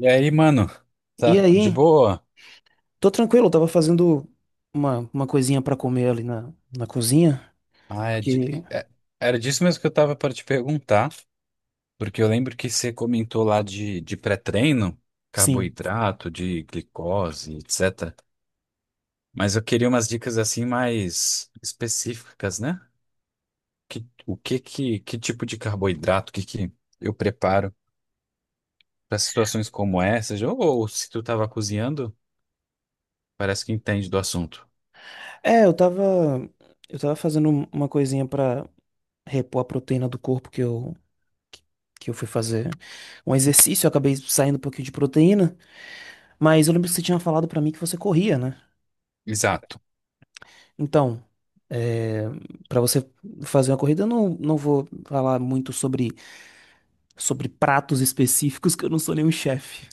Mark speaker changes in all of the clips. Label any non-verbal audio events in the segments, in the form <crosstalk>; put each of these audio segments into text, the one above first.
Speaker 1: E aí, mano,
Speaker 2: E
Speaker 1: tá de
Speaker 2: aí,
Speaker 1: boa?
Speaker 2: tô tranquilo, eu tava fazendo uma coisinha pra comer ali na cozinha,
Speaker 1: Ah, é de-
Speaker 2: porque,
Speaker 1: é- era disso mesmo que eu tava para te perguntar, porque eu lembro que você comentou lá de pré-treino,
Speaker 2: sim.
Speaker 1: carboidrato, de glicose, etc. Mas eu queria umas dicas assim mais específicas, né? Que tipo de carboidrato que eu preparo para situações como essas? Ou se tu tava cozinhando, parece que entende do assunto.
Speaker 2: É, eu tava, eu tava fazendo uma coisinha pra repor a proteína do corpo que eu fui fazer um exercício, eu acabei saindo um pouquinho de proteína, mas eu lembro que você tinha falado pra mim que você corria, né?
Speaker 1: Exato.
Speaker 2: Então, é, para você fazer uma corrida, eu não vou falar muito sobre pratos específicos, que eu não sou nenhum chefe.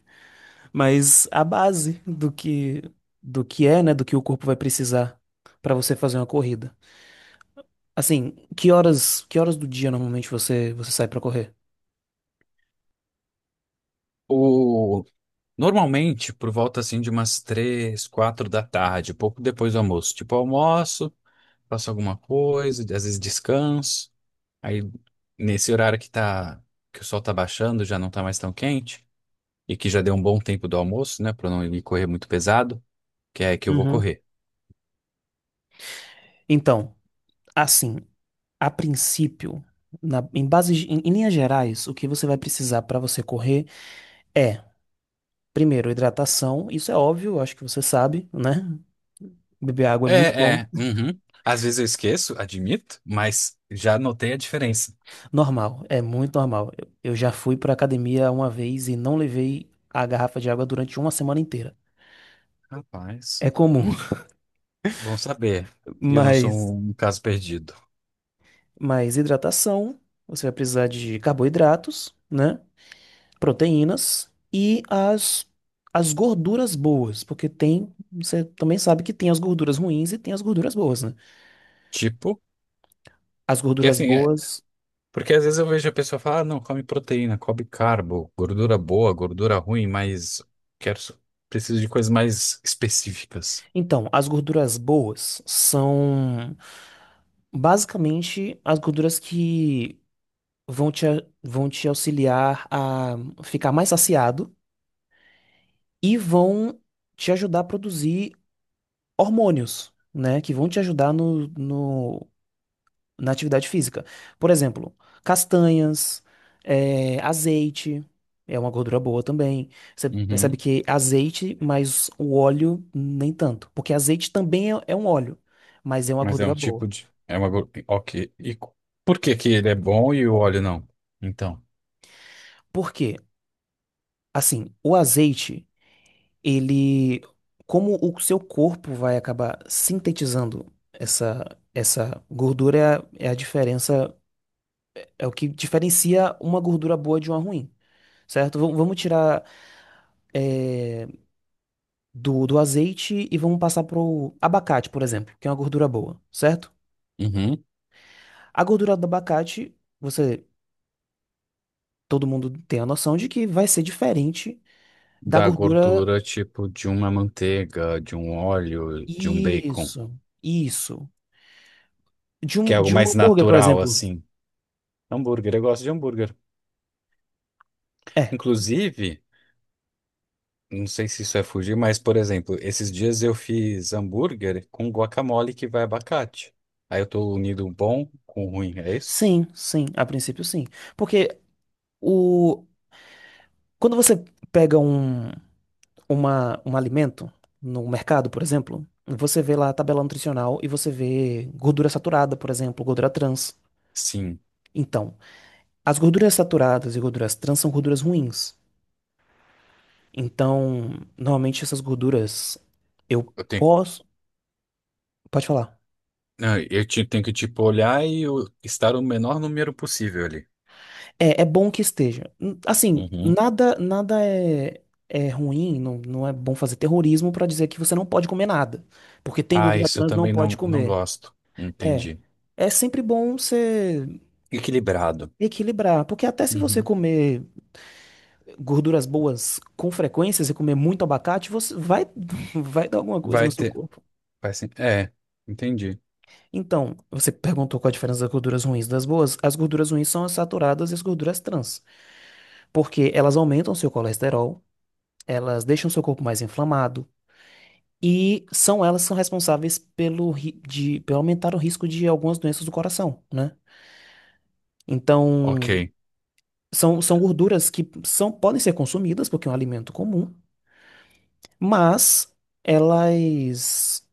Speaker 2: Mas a base do que é, né, do que o corpo vai precisar pra você fazer uma corrida. Assim, que horas do dia normalmente você sai pra correr?
Speaker 1: Normalmente, por volta assim de umas três, quatro da tarde, pouco depois do almoço. Tipo, eu almoço, faço alguma coisa, às vezes descanso. Aí, nesse horário que tá, que o sol tá baixando, já não tá mais tão quente, e que já deu um bom tempo do almoço, né, pra não ir correr muito pesado, que é que eu vou
Speaker 2: Uhum.
Speaker 1: correr.
Speaker 2: Então, assim, a princípio, em bases, em linhas gerais, o que você vai precisar para você correr é, primeiro, hidratação. Isso é óbvio, eu acho que você sabe, né? Beber água é muito
Speaker 1: É,
Speaker 2: bom.
Speaker 1: uhum. Às vezes eu esqueço, admito, mas já notei a diferença.
Speaker 2: Normal, é muito normal. Eu já fui para academia uma vez e não levei a garrafa de água durante uma semana inteira. É
Speaker 1: Rapaz,
Speaker 2: comum,
Speaker 1: bom saber
Speaker 2: <laughs>
Speaker 1: que eu não sou
Speaker 2: mas,
Speaker 1: um caso perdido.
Speaker 2: mas hidratação, você vai precisar de carboidratos, né? Proteínas e as gorduras boas, porque tem, você também sabe que tem as gorduras ruins e tem as gorduras boas, né?
Speaker 1: Tipo,
Speaker 2: As
Speaker 1: que
Speaker 2: gorduras
Speaker 1: assim. é,
Speaker 2: boas,
Speaker 1: Porque às vezes eu vejo a pessoa falar, ah, não, come proteína, come carbo, gordura boa, gordura ruim, mas quero, só- preciso de coisas mais específicas.
Speaker 2: então, as gorduras boas são basicamente as gorduras que vão vão te auxiliar a ficar mais saciado e vão te ajudar a produzir hormônios, né, que vão te ajudar na atividade física. Por exemplo, castanhas, azeite, é uma gordura boa também. Você percebe
Speaker 1: Uhum.
Speaker 2: que azeite, mas o óleo nem tanto, porque azeite também é um óleo, mas é uma
Speaker 1: Mas é
Speaker 2: gordura
Speaker 1: um
Speaker 2: boa.
Speaker 1: tipo de, é uma, gor- ok, por que que ele é bom e o óleo não? Então,
Speaker 2: Por quê? Assim, o azeite, ele, como o seu corpo vai acabar sintetizando essa gordura é a diferença. É o que diferencia uma gordura boa de uma ruim, certo? Vamos tirar eh, do azeite e vamos passar pro abacate, por exemplo, que é uma gordura boa, certo?
Speaker 1: uhum.
Speaker 2: A gordura do abacate, você, todo mundo tem a noção de que vai ser diferente da
Speaker 1: Da
Speaker 2: gordura.
Speaker 1: gordura tipo de uma manteiga, de um óleo, de um bacon,
Speaker 2: Isso, isso.
Speaker 1: que é algo
Speaker 2: De um
Speaker 1: mais
Speaker 2: hambúrguer, por
Speaker 1: natural
Speaker 2: exemplo.
Speaker 1: assim. Hambúrguer, eu gosto de hambúrguer.
Speaker 2: É,
Speaker 1: Inclusive, não sei se isso é fugir, mas, por exemplo, esses dias eu fiz hambúrguer com guacamole que vai abacate. Aí eu tô unindo o bom com o ruim, é isso?
Speaker 2: sim, sim, a princípio sim. Porque o, quando você pega um. Uma, um alimento no mercado, por exemplo, você vê lá a tabela nutricional e você vê gordura saturada, por exemplo, gordura trans.
Speaker 1: Sim.
Speaker 2: Então, as gorduras saturadas e gorduras trans são gorduras ruins. Então, normalmente essas gorduras eu
Speaker 1: Eu tenho,
Speaker 2: posso. Pode falar.
Speaker 1: ah, eu ti- Tenho que, tipo, olhar e estar o menor número possível ali.
Speaker 2: É, é bom que esteja. Assim,
Speaker 1: Uhum.
Speaker 2: nada é, é ruim, não é bom fazer terrorismo pra dizer que você não pode comer nada. Porque tem
Speaker 1: Ah,
Speaker 2: gordura
Speaker 1: isso eu
Speaker 2: trans, não
Speaker 1: também
Speaker 2: pode
Speaker 1: não
Speaker 2: comer.
Speaker 1: gosto.
Speaker 2: É.
Speaker 1: Entendi.
Speaker 2: É sempre bom você
Speaker 1: Equilibrado.
Speaker 2: equilibrar, porque até se você
Speaker 1: Uhum.
Speaker 2: comer gorduras boas com frequência, se comer muito abacate, você vai, <laughs> vai dar alguma coisa no
Speaker 1: Vai
Speaker 2: seu
Speaker 1: ter.
Speaker 2: corpo.
Speaker 1: Vai ser, é, Entendi.
Speaker 2: Então, você perguntou qual a diferença das gorduras ruins das boas. As gorduras ruins são as saturadas e as gorduras trans, porque elas aumentam seu colesterol, elas deixam seu corpo mais inflamado e são elas que são responsáveis pelo, pelo aumentar o risco de algumas doenças do coração, né?
Speaker 1: Ok.
Speaker 2: Então, são gorduras que são, podem ser consumidas, porque é um alimento comum, mas elas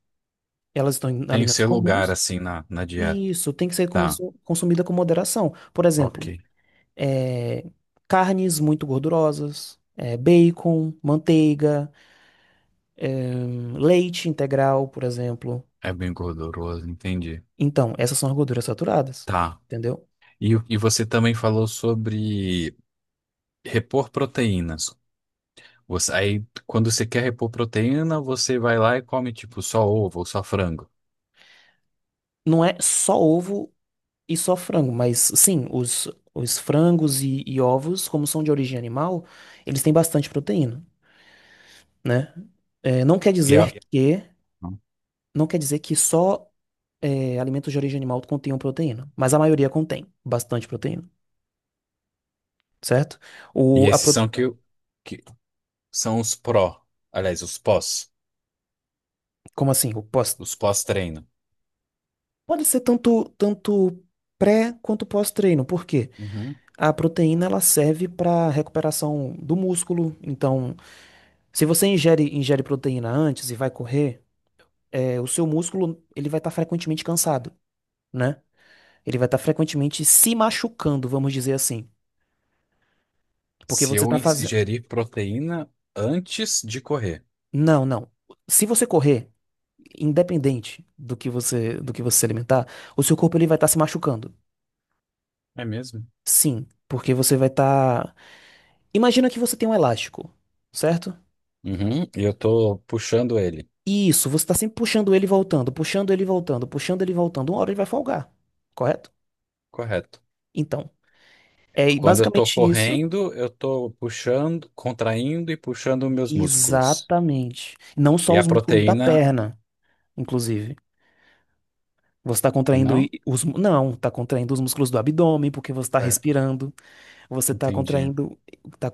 Speaker 2: elas estão em
Speaker 1: Tem
Speaker 2: alimentos
Speaker 1: seu lugar,
Speaker 2: comuns
Speaker 1: assim, na dieta.
Speaker 2: e isso tem que ser
Speaker 1: Tá.
Speaker 2: consumida com moderação. Por
Speaker 1: Ok.
Speaker 2: exemplo, é, carnes muito gordurosas, é, bacon, manteiga, leite integral, por exemplo.
Speaker 1: É bem gorduroso, entendi.
Speaker 2: Então, essas são as gorduras saturadas,
Speaker 1: Tá.
Speaker 2: entendeu?
Speaker 1: E, e você também falou sobre repor proteínas. Você, aí, quando você quer repor proteína, você vai lá e come, tipo, só ovo ou só frango.
Speaker 2: Não é só ovo e só frango, mas sim, os frangos e ovos, como são de origem animal, eles têm bastante proteína, né? É, não quer
Speaker 1: E,
Speaker 2: dizer que Não quer dizer que só é, alimentos de origem animal contenham proteína, mas a maioria contém bastante proteína, certo?
Speaker 1: e
Speaker 2: O, a
Speaker 1: esses
Speaker 2: pro-
Speaker 1: são que são os pró, aliás, os pós,
Speaker 2: Como assim? O pós...
Speaker 1: os pós-treino.
Speaker 2: Pode ser tanto pré quanto pós-treino, por quê?
Speaker 1: Uhum.
Speaker 2: A proteína ela serve para recuperação do músculo, então se você ingere proteína antes e vai correr, é, o seu músculo ele vai estar frequentemente cansado, né? Ele vai estar frequentemente se machucando, vamos dizer assim, porque
Speaker 1: Se
Speaker 2: você
Speaker 1: eu
Speaker 2: está fazendo...
Speaker 1: ingerir proteína antes de correr.
Speaker 2: Não, não. Se você correr, independente do que você se alimentar, o seu corpo ele vai estar se machucando.
Speaker 1: É mesmo?
Speaker 2: Sim, porque você vai estar. Imagina que você tem um elástico, certo?
Speaker 1: Uhum, e eu tô puxando ele.
Speaker 2: Isso, você está sempre puxando ele e voltando, puxando ele e voltando, puxando ele e voltando. Uma hora ele vai folgar, correto?
Speaker 1: Correto.
Speaker 2: Então, é
Speaker 1: Quando eu tô
Speaker 2: basicamente isso.
Speaker 1: correndo, eu tô puxando, contraindo e puxando meus músculos.
Speaker 2: Exatamente. Não
Speaker 1: E
Speaker 2: só
Speaker 1: a
Speaker 2: os músculos da
Speaker 1: proteína,
Speaker 2: perna, inclusive. Você está contraindo i-
Speaker 1: não?
Speaker 2: os. Mu- Não, está contraindo os músculos do abdômen, porque você está
Speaker 1: É,
Speaker 2: respirando. Você está
Speaker 1: entendi.
Speaker 2: contraindo. Tá,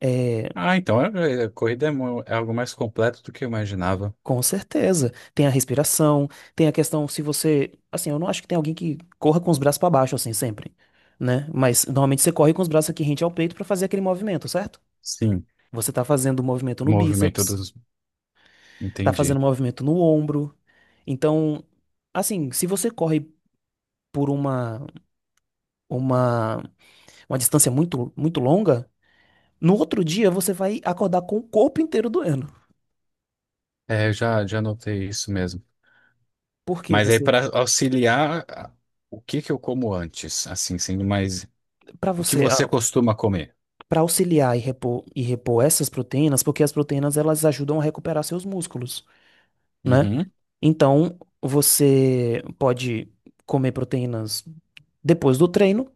Speaker 2: é,
Speaker 1: Ah, então a corrida é algo mais completo do que eu imaginava.
Speaker 2: com certeza. Tem a respiração, tem a questão se você. Assim, eu não acho que tem alguém que corra com os braços para baixo, assim, sempre, né? Mas normalmente você corre com os braços aqui rente ao peito para fazer aquele movimento, certo?
Speaker 1: Sim,
Speaker 2: Você tá fazendo o movimento no
Speaker 1: movimento
Speaker 2: bíceps,
Speaker 1: dos.
Speaker 2: tá fazendo
Speaker 1: Entendi.
Speaker 2: o movimento no ombro. Então, assim, se você corre por uma, uma distância muito, muito longa, no outro dia você vai acordar com o corpo inteiro doendo.
Speaker 1: É, eu já notei isso mesmo.
Speaker 2: Por quê?
Speaker 1: Mas aí,
Speaker 2: Você,
Speaker 1: para auxiliar, o que que eu como antes? Assim, sendo mais.
Speaker 2: para
Speaker 1: O que
Speaker 2: você,
Speaker 1: você
Speaker 2: a-
Speaker 1: costuma comer?
Speaker 2: para auxiliar e repor essas proteínas, porque as proteínas elas ajudam a recuperar seus músculos, né?
Speaker 1: Uhum,
Speaker 2: Então, você pode comer proteínas depois do treino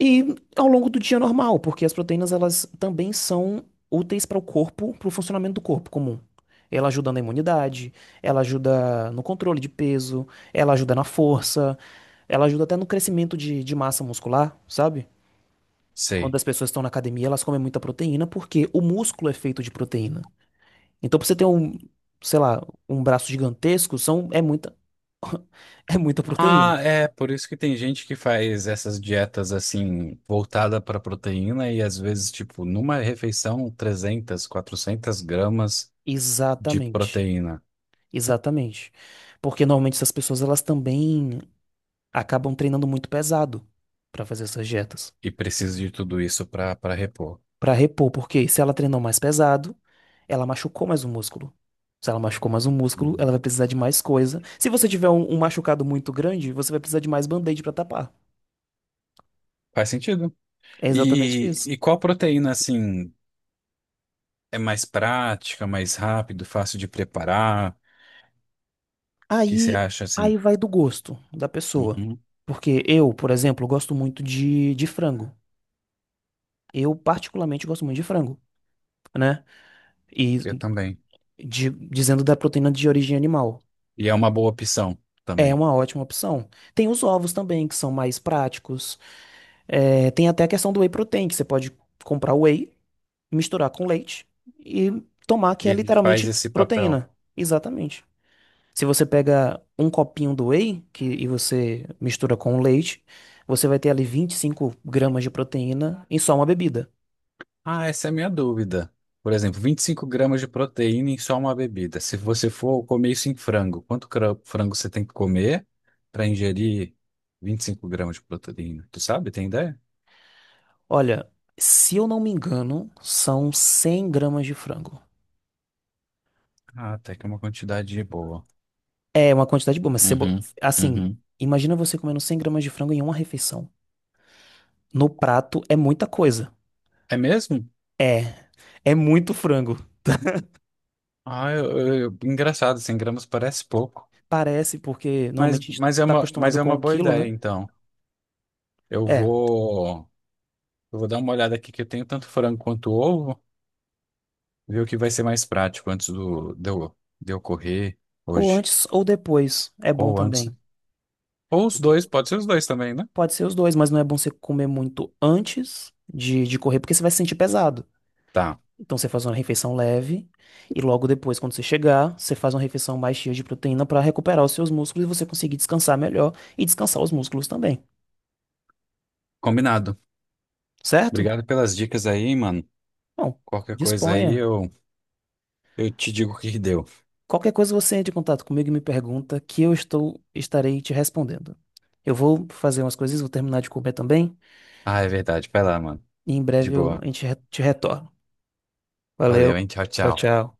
Speaker 2: e ao longo do dia normal, porque as proteínas elas também são úteis para o corpo, para o funcionamento do corpo comum. Ela ajuda na imunidade, ela ajuda no controle de peso, ela ajuda na força, ela ajuda até no crescimento de massa muscular, sabe? Quando
Speaker 1: sei.
Speaker 2: as pessoas estão na academia, elas comem muita proteína porque o músculo é feito de proteína. Então, pra você ter um, sei lá, um braço gigantesco, é muita, <laughs> é muita proteína.
Speaker 1: Ah, é, por isso que tem gente que faz essas dietas assim, voltada para proteína e às vezes, tipo, numa refeição, 300, 400 gramas de
Speaker 2: Exatamente.
Speaker 1: proteína
Speaker 2: Exatamente. Porque normalmente essas pessoas, elas também acabam treinando muito pesado pra fazer essas dietas.
Speaker 1: e preciso de tudo isso para repor.
Speaker 2: Pra repor, porque se ela treinou mais pesado, ela machucou mais o músculo. Se ela machucou mais o músculo, ela
Speaker 1: Uhum.
Speaker 2: vai precisar de mais coisa. Se você tiver um, um machucado muito grande, você vai precisar de mais band-aid pra tapar.
Speaker 1: Faz sentido.
Speaker 2: É exatamente
Speaker 1: E,
Speaker 2: isso.
Speaker 1: e qual proteína, assim, é mais prática, mais rápido, fácil de preparar? O que você
Speaker 2: Aí,
Speaker 1: acha, assim?
Speaker 2: aí vai do gosto da pessoa.
Speaker 1: Uhum,
Speaker 2: Porque eu, por exemplo, gosto muito de frango. Eu, particularmente, gosto muito de frango, né? E
Speaker 1: eu também.
Speaker 2: dizendo da proteína de origem animal.
Speaker 1: E é uma boa opção
Speaker 2: É
Speaker 1: também.
Speaker 2: uma ótima opção. Tem os ovos também, que são mais práticos. É, tem até a questão do whey protein, que você pode comprar whey, misturar com leite e tomar, que
Speaker 1: E
Speaker 2: é
Speaker 1: ele faz
Speaker 2: literalmente
Speaker 1: esse papel.
Speaker 2: proteína. Exatamente. Se você pega um copinho e você mistura com o leite, você vai ter ali 25 gramas de proteína em só uma bebida.
Speaker 1: Ah, essa é a minha dúvida. Por exemplo, 25 gramas de proteína em só uma bebida. Se você for comer isso em frango, quanto frango você tem que comer para ingerir 25 gramas de proteína? Tu sabe? Tem ideia?
Speaker 2: Olha, se eu não me engano, são 100 gramas de frango.
Speaker 1: Ah, até que é uma quantidade boa.
Speaker 2: É uma quantidade boa, mas você,
Speaker 1: Uhum,
Speaker 2: assim,
Speaker 1: uhum.
Speaker 2: imagina você comendo 100 gramas de frango em uma refeição. No prato é muita coisa.
Speaker 1: É mesmo?
Speaker 2: É muito frango.
Speaker 1: Ah, engraçado, 100 gramas parece pouco,
Speaker 2: Parece, porque normalmente a gente tá
Speaker 1: mas
Speaker 2: acostumado
Speaker 1: é
Speaker 2: com
Speaker 1: uma
Speaker 2: um
Speaker 1: boa
Speaker 2: quilo,
Speaker 1: ideia,
Speaker 2: né?
Speaker 1: então. Eu
Speaker 2: É.
Speaker 1: vou, eu vou dar uma olhada aqui que eu tenho tanto frango quanto ovo, ver o que vai ser mais prático antes de eu correr
Speaker 2: Ou
Speaker 1: hoje.
Speaker 2: antes ou depois. É bom
Speaker 1: Ou antes.
Speaker 2: também.
Speaker 1: Ou os
Speaker 2: Porque
Speaker 1: dois, pode ser os dois também, né?
Speaker 2: pode ser os dois, mas não é bom você comer muito antes de correr, porque você vai se sentir pesado.
Speaker 1: Tá,
Speaker 2: Então você faz uma refeição leve e logo depois, quando você chegar, você faz uma refeição mais cheia de proteína para recuperar os seus músculos e você conseguir descansar melhor e descansar os músculos também,
Speaker 1: combinado.
Speaker 2: certo?
Speaker 1: Obrigado pelas dicas aí, mano.
Speaker 2: Bom,
Speaker 1: Qualquer coisa aí
Speaker 2: disponha.
Speaker 1: eu te digo o que que deu.
Speaker 2: Qualquer coisa você entra em contato comigo e me pergunta que eu estou estarei te respondendo. Eu vou fazer umas coisas, vou terminar de comer também
Speaker 1: Ah, é verdade. Vai lá, mano.
Speaker 2: e em
Speaker 1: De
Speaker 2: breve a
Speaker 1: boa.
Speaker 2: gente te retorna. Valeu.
Speaker 1: Valeu, hein? Tchau,
Speaker 2: Tchau,
Speaker 1: tchau.
Speaker 2: tchau.